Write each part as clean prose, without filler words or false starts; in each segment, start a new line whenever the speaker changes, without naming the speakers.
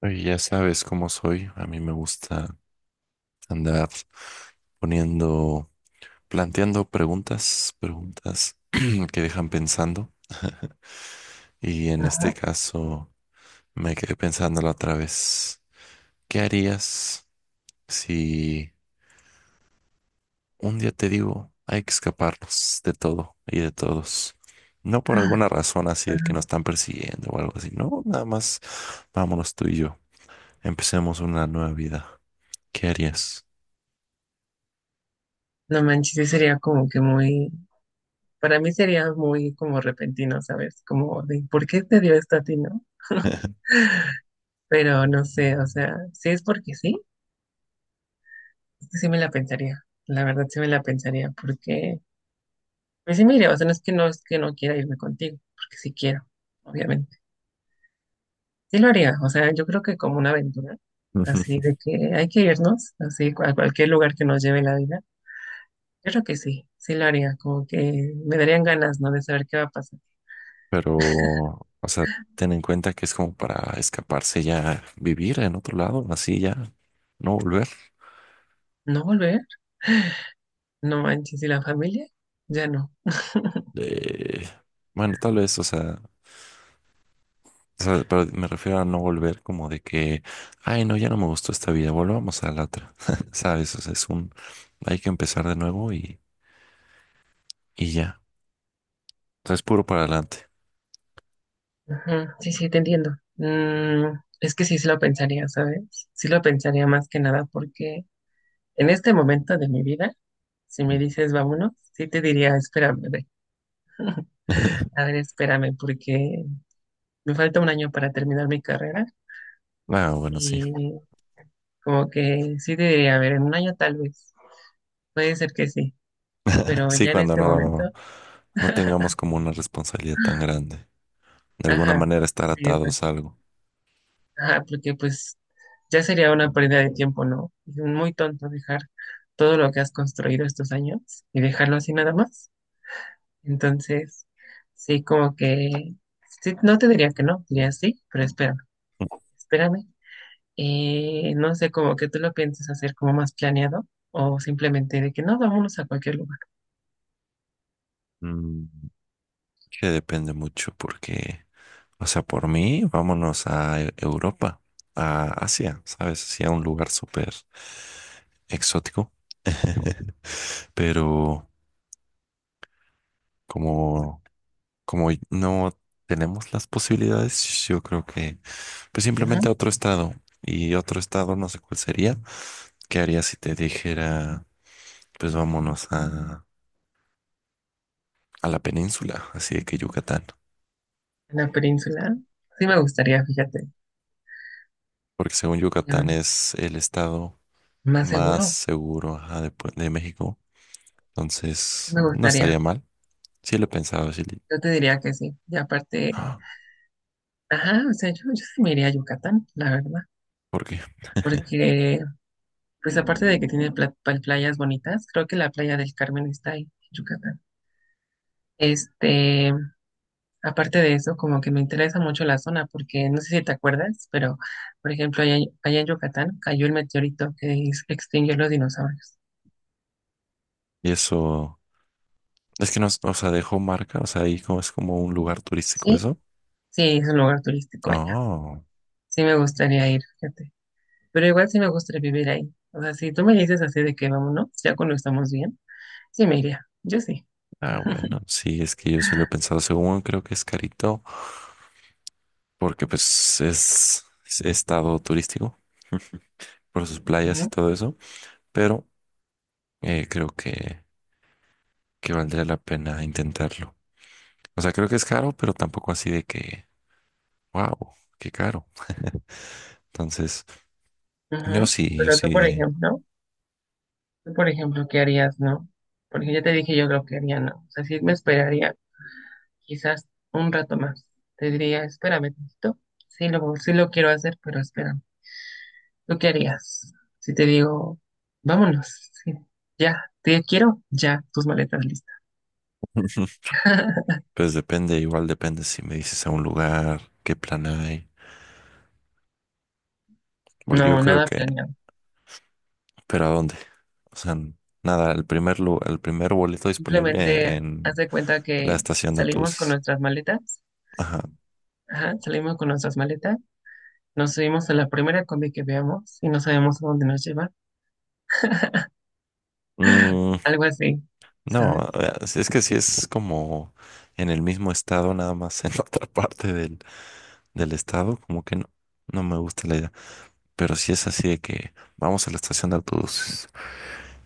Oye, ya sabes cómo soy. A mí me gusta andar poniendo, planteando preguntas, preguntas que dejan pensando. Y en este
Ajá,
caso me quedé pensándolo otra vez. ¿Qué harías si un día te digo hay que escaparnos de todo y de todos? No por alguna razón así de que
ajá.
nos están persiguiendo o algo así. No, nada más vámonos tú y yo. Empecemos una nueva vida. ¿Qué harías?
No manches, sí sería como que muy, para mí sería muy como repentino, ¿sabes? Como de, ¿por qué te dio esto a ti, no? Pero no sé, o sea, si es porque sí, es que sí me la pensaría, la verdad sí me la pensaría, porque, pues sí me iría, o sea, no es que no, es que no quiera irme contigo, porque sí quiero, obviamente. Sí lo haría, o sea, yo creo que como una aventura, así de que hay que irnos, así a cualquier lugar que nos lleve la vida, yo creo que sí, sí lo haría, como que me darían ganas, ¿no? De saber qué va a pasar.
Pero, o sea, ten en cuenta que es como para escaparse ya, vivir en otro lado, así ya, no volver.
¿No volver? No manches, ¿y la familia? Ya no.
Eh, bueno, tal vez, o sea, pero me refiero a no volver como de que, ay, no, ya no me gustó esta vida, volvamos a la otra, ¿sabes? O sea, es un, hay que empezar de nuevo y ya. O sea, es puro para adelante.
Ajá, sí, sí, te entiendo. Es que sí, sí lo pensaría, ¿sabes? Sí lo pensaría más que nada porque en este momento de mi vida, si me dices vámonos, sí te diría, espérame, a ver, espérame, porque me falta un año para terminar mi carrera
Ah, bueno, sí.
y como que sí te diría, a ver, en un año tal vez, puede ser que sí, pero
Sí,
ya en
cuando
este momento,
no, no tengamos como una responsabilidad tan grande. De alguna
ajá,
manera estar
sí,
atados a algo.
ajá, porque pues ya sería una pérdida de tiempo, ¿no? Es muy tonto dejar todo lo que has construido estos años y dejarlo así nada más. Entonces, sí, como que, sí, no te diría que no, diría sí, pero espérame, espérame. No sé, como que tú lo piensas hacer como más planeado o simplemente de que no, vámonos a cualquier lugar.
Mm. Que depende mucho porque, o sea, por mí, vámonos a Europa, a Asia, ¿sabes? Así a un lugar súper exótico. Pero como, como no tenemos las posibilidades, yo creo que pues simplemente
Ujú,
a otro estado. Y otro estado, no sé cuál sería. ¿Qué haría si te dijera, pues vámonos a la península, así de que Yucatán?
en la península, sí me gustaría, fíjate,
Porque según Yucatán
em,
es el estado
más
más
seguro,
seguro, ajá, después de México. Entonces,
me
no
gustaría.
estaría mal. Sí lo he pensado, sí.
Yo te diría que sí. Y aparte...
¡Ah!
Ajá, o sea, yo sí me iría a Yucatán, la verdad,
¿Por qué?
porque pues aparte de que tiene playas bonitas, creo que la playa del Carmen está ahí, en Yucatán. Este, aparte de eso, como que me interesa mucho la zona, porque no sé si te acuerdas, pero por ejemplo, allá, en Yucatán cayó el meteorito que extinguió los dinosaurios.
Y eso, es que no, o sea, dejó marca, o sea, ahí como es como un lugar turístico
¿Sí?
eso.
Sí, es un lugar turístico allá.
Oh,
Sí me gustaría ir, fíjate. Pero igual sí me gustaría vivir ahí. O sea, si tú me dices así de que vámonos, ya cuando estamos bien, sí me iría. Yo sí.
ah, bueno, sí, es que yo sí lo he pensado. Según creo que es carito, porque pues es estado turístico por sus playas y todo eso, pero creo que valdría la pena intentarlo. O sea, creo que es caro, pero tampoco así de que wow, qué caro. Entonces, yo
Ujú.
sí, yo
Pero tú, por
sí.
ejemplo, tú, por ejemplo, ¿qué harías, no? Porque ya te dije yo lo que haría, no. O sea, sí me esperaría quizás un rato más. Te diría, espérame tantito. Sí lo quiero hacer, pero espérame. ¿Tú qué harías? Si te digo, vámonos, sí, ya, te quiero, ya, tus maletas listas.
Pues depende, igual depende si me dices a un lugar, qué plan hay. Porque yo
No,
creo
nada
que,
planeado.
pero ¿a dónde? O sea, nada, el primer el primer boleto disponible
Simplemente haz
en
de cuenta
la
que
estación de
salimos con
autobuses.
nuestras maletas.
Ajá.
Ajá, salimos con nuestras maletas. Nos subimos a la primera combi que veamos y no sabemos a dónde nos lleva.
Mm,
Algo así,
no,
¿sabes?
si es que si es como en el mismo estado, nada más en otra parte del, del estado, como que no, no me gusta la idea. Pero si es así de que vamos a la estación de autobuses.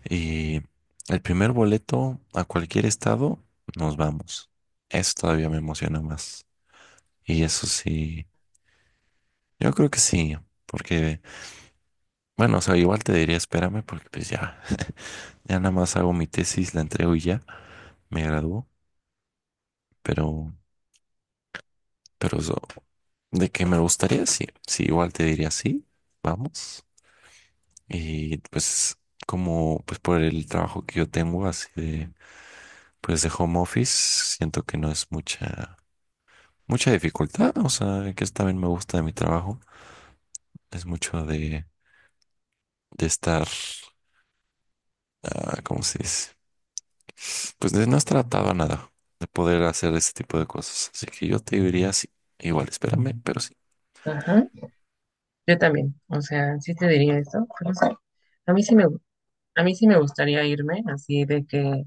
Y el primer boleto a cualquier estado, nos vamos. Eso todavía me emociona más. Y eso sí, yo creo que sí, porque, bueno, o sea, igual te diría espérame porque pues ya, ya nada más hago mi tesis, la entrego y ya, me gradúo, pero, pero eso, de que me gustaría, sí, sí, igual te diría sí, vamos. Y pues como, pues por el trabajo que yo tengo así de, pues de home office, siento que no es mucha mucha dificultad, o sea, que es también me gusta de mi trabajo, es mucho de estar, ah, ¿cómo se dice? Pues de no estar atado a nada, de poder hacer ese tipo de cosas. Así que yo te diría sí, igual, espérame, pero sí.
Ajá. Yo también, o sea, sí te diría eso, pero no sé. A mí sí me, gu- a mí sí me gustaría irme así de que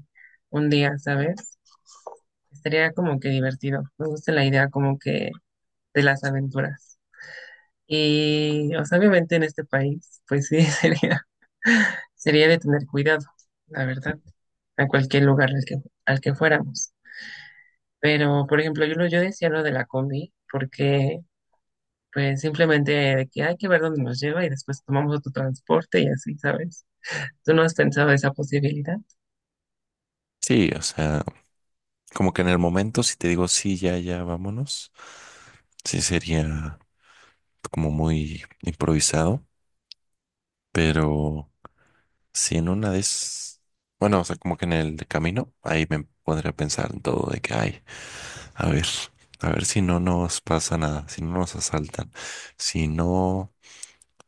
un día, ¿sabes? Estaría como que divertido. Me gusta la idea como que de las aventuras. Y, o sea, obviamente en este país, pues sí, sería, sería de tener cuidado, la verdad, a cualquier lugar al que fuéramos. Pero, por ejemplo, yo decía lo de la combi, porque pues simplemente de que hay que ver dónde nos lleva y después tomamos otro transporte y así, ¿sabes? Tú no has pensado esa posibilidad,
Sí, o sea, como que en el momento, si te digo sí, ya, ya, vámonos, sí sería como muy improvisado, pero si en una de esas, bueno, o sea, como que en el camino, ahí me pondría a pensar en todo de que hay. A ver, a ver si no nos pasa nada, si no nos asaltan, si no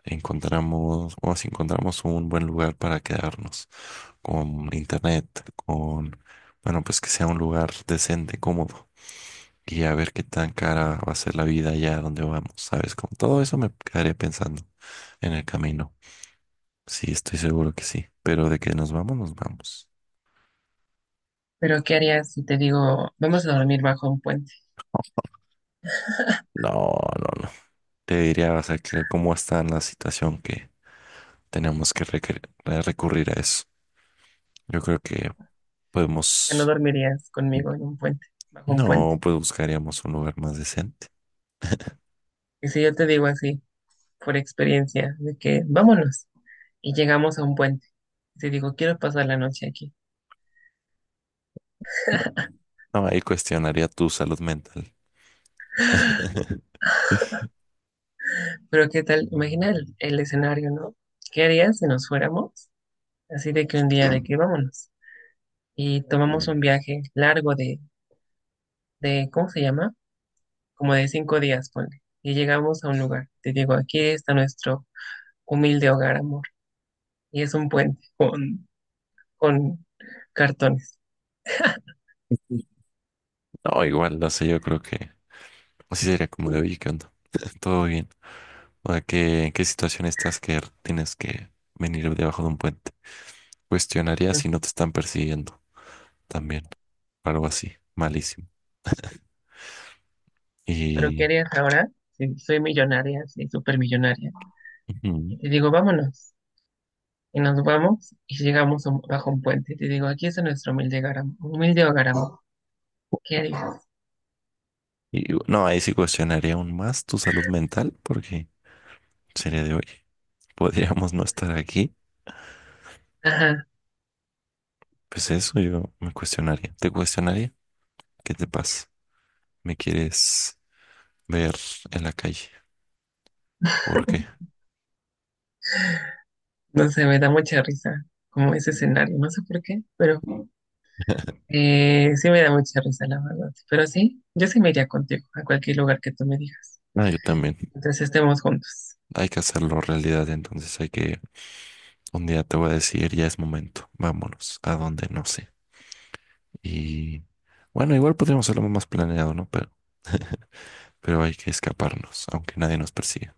encontramos o si encontramos un buen lugar para quedarnos, con internet, con, bueno, pues que sea un lugar decente, cómodo, y a ver qué tan cara va a ser la vida allá donde vamos, ¿sabes? Con todo eso me quedaré pensando en el camino. Sí, estoy seguro que sí, pero de que nos vamos, nos vamos.
pero ¿qué harías si te digo, vamos a dormir bajo un puente?
No, no, no. Te diría, o sea, que cómo está la situación que tenemos que recurrir a eso. Yo creo que
O sea, no
podemos,
dormirías conmigo en un puente, bajo un puente.
no, pues buscaríamos un lugar más decente.
Y si yo te digo así, por experiencia, de que vámonos y llegamos a un puente, y te digo, quiero pasar la noche aquí.
No, ahí cuestionaría tu salud mental.
Pero ¿qué tal? Imagina el escenario, ¿no? ¿Qué harías si nos fuéramos? Así de que un día de que vámonos y tomamos un viaje largo de ¿cómo se llama? Como de 5 días, ponle. Y llegamos a un lugar. Te digo, aquí está nuestro humilde hogar, amor. Y es un puente con cartones.
No, igual, no sé, yo creo que así sería como de, oye, ¿qué onda? Todo bien. O sea, ¿qué, en qué situación estás que tienes que venir debajo de un puente? Cuestionaría si no te están persiguiendo también. Algo así, malísimo.
Pero ¿qué
Y,
harías ahora? Sí, soy millonaria, soy súper millonaria.
ujú,
Y te digo, vámonos. Y nos vamos y llegamos bajo un puente. Y te digo, aquí está nuestro humilde hogar, amor. Humilde hogar, amor. ¿Qué harías?
y no, ahí sí cuestionaría aún más tu salud mental porque sería de, oye, podríamos no estar aquí.
Ajá.
Pues eso yo me cuestionaría. ¿Te cuestionaría? ¿Qué te pasa? ¿Me quieres ver en la calle? ¿Por qué?
No sé, me da mucha risa como ese escenario. No sé por qué, pero Sí me da mucha risa, la verdad. Pero sí, yo sí me iría contigo a cualquier lugar que tú me digas.
Ah, yo también.
Entonces estemos juntos.
Hay que hacerlo realidad, entonces hay que... Un día te voy a decir, ya es momento, vámonos, a dónde no sé. Y bueno, igual podríamos hacerlo más planeado, ¿no? Pero, pero hay que escaparnos, aunque nadie nos persiga.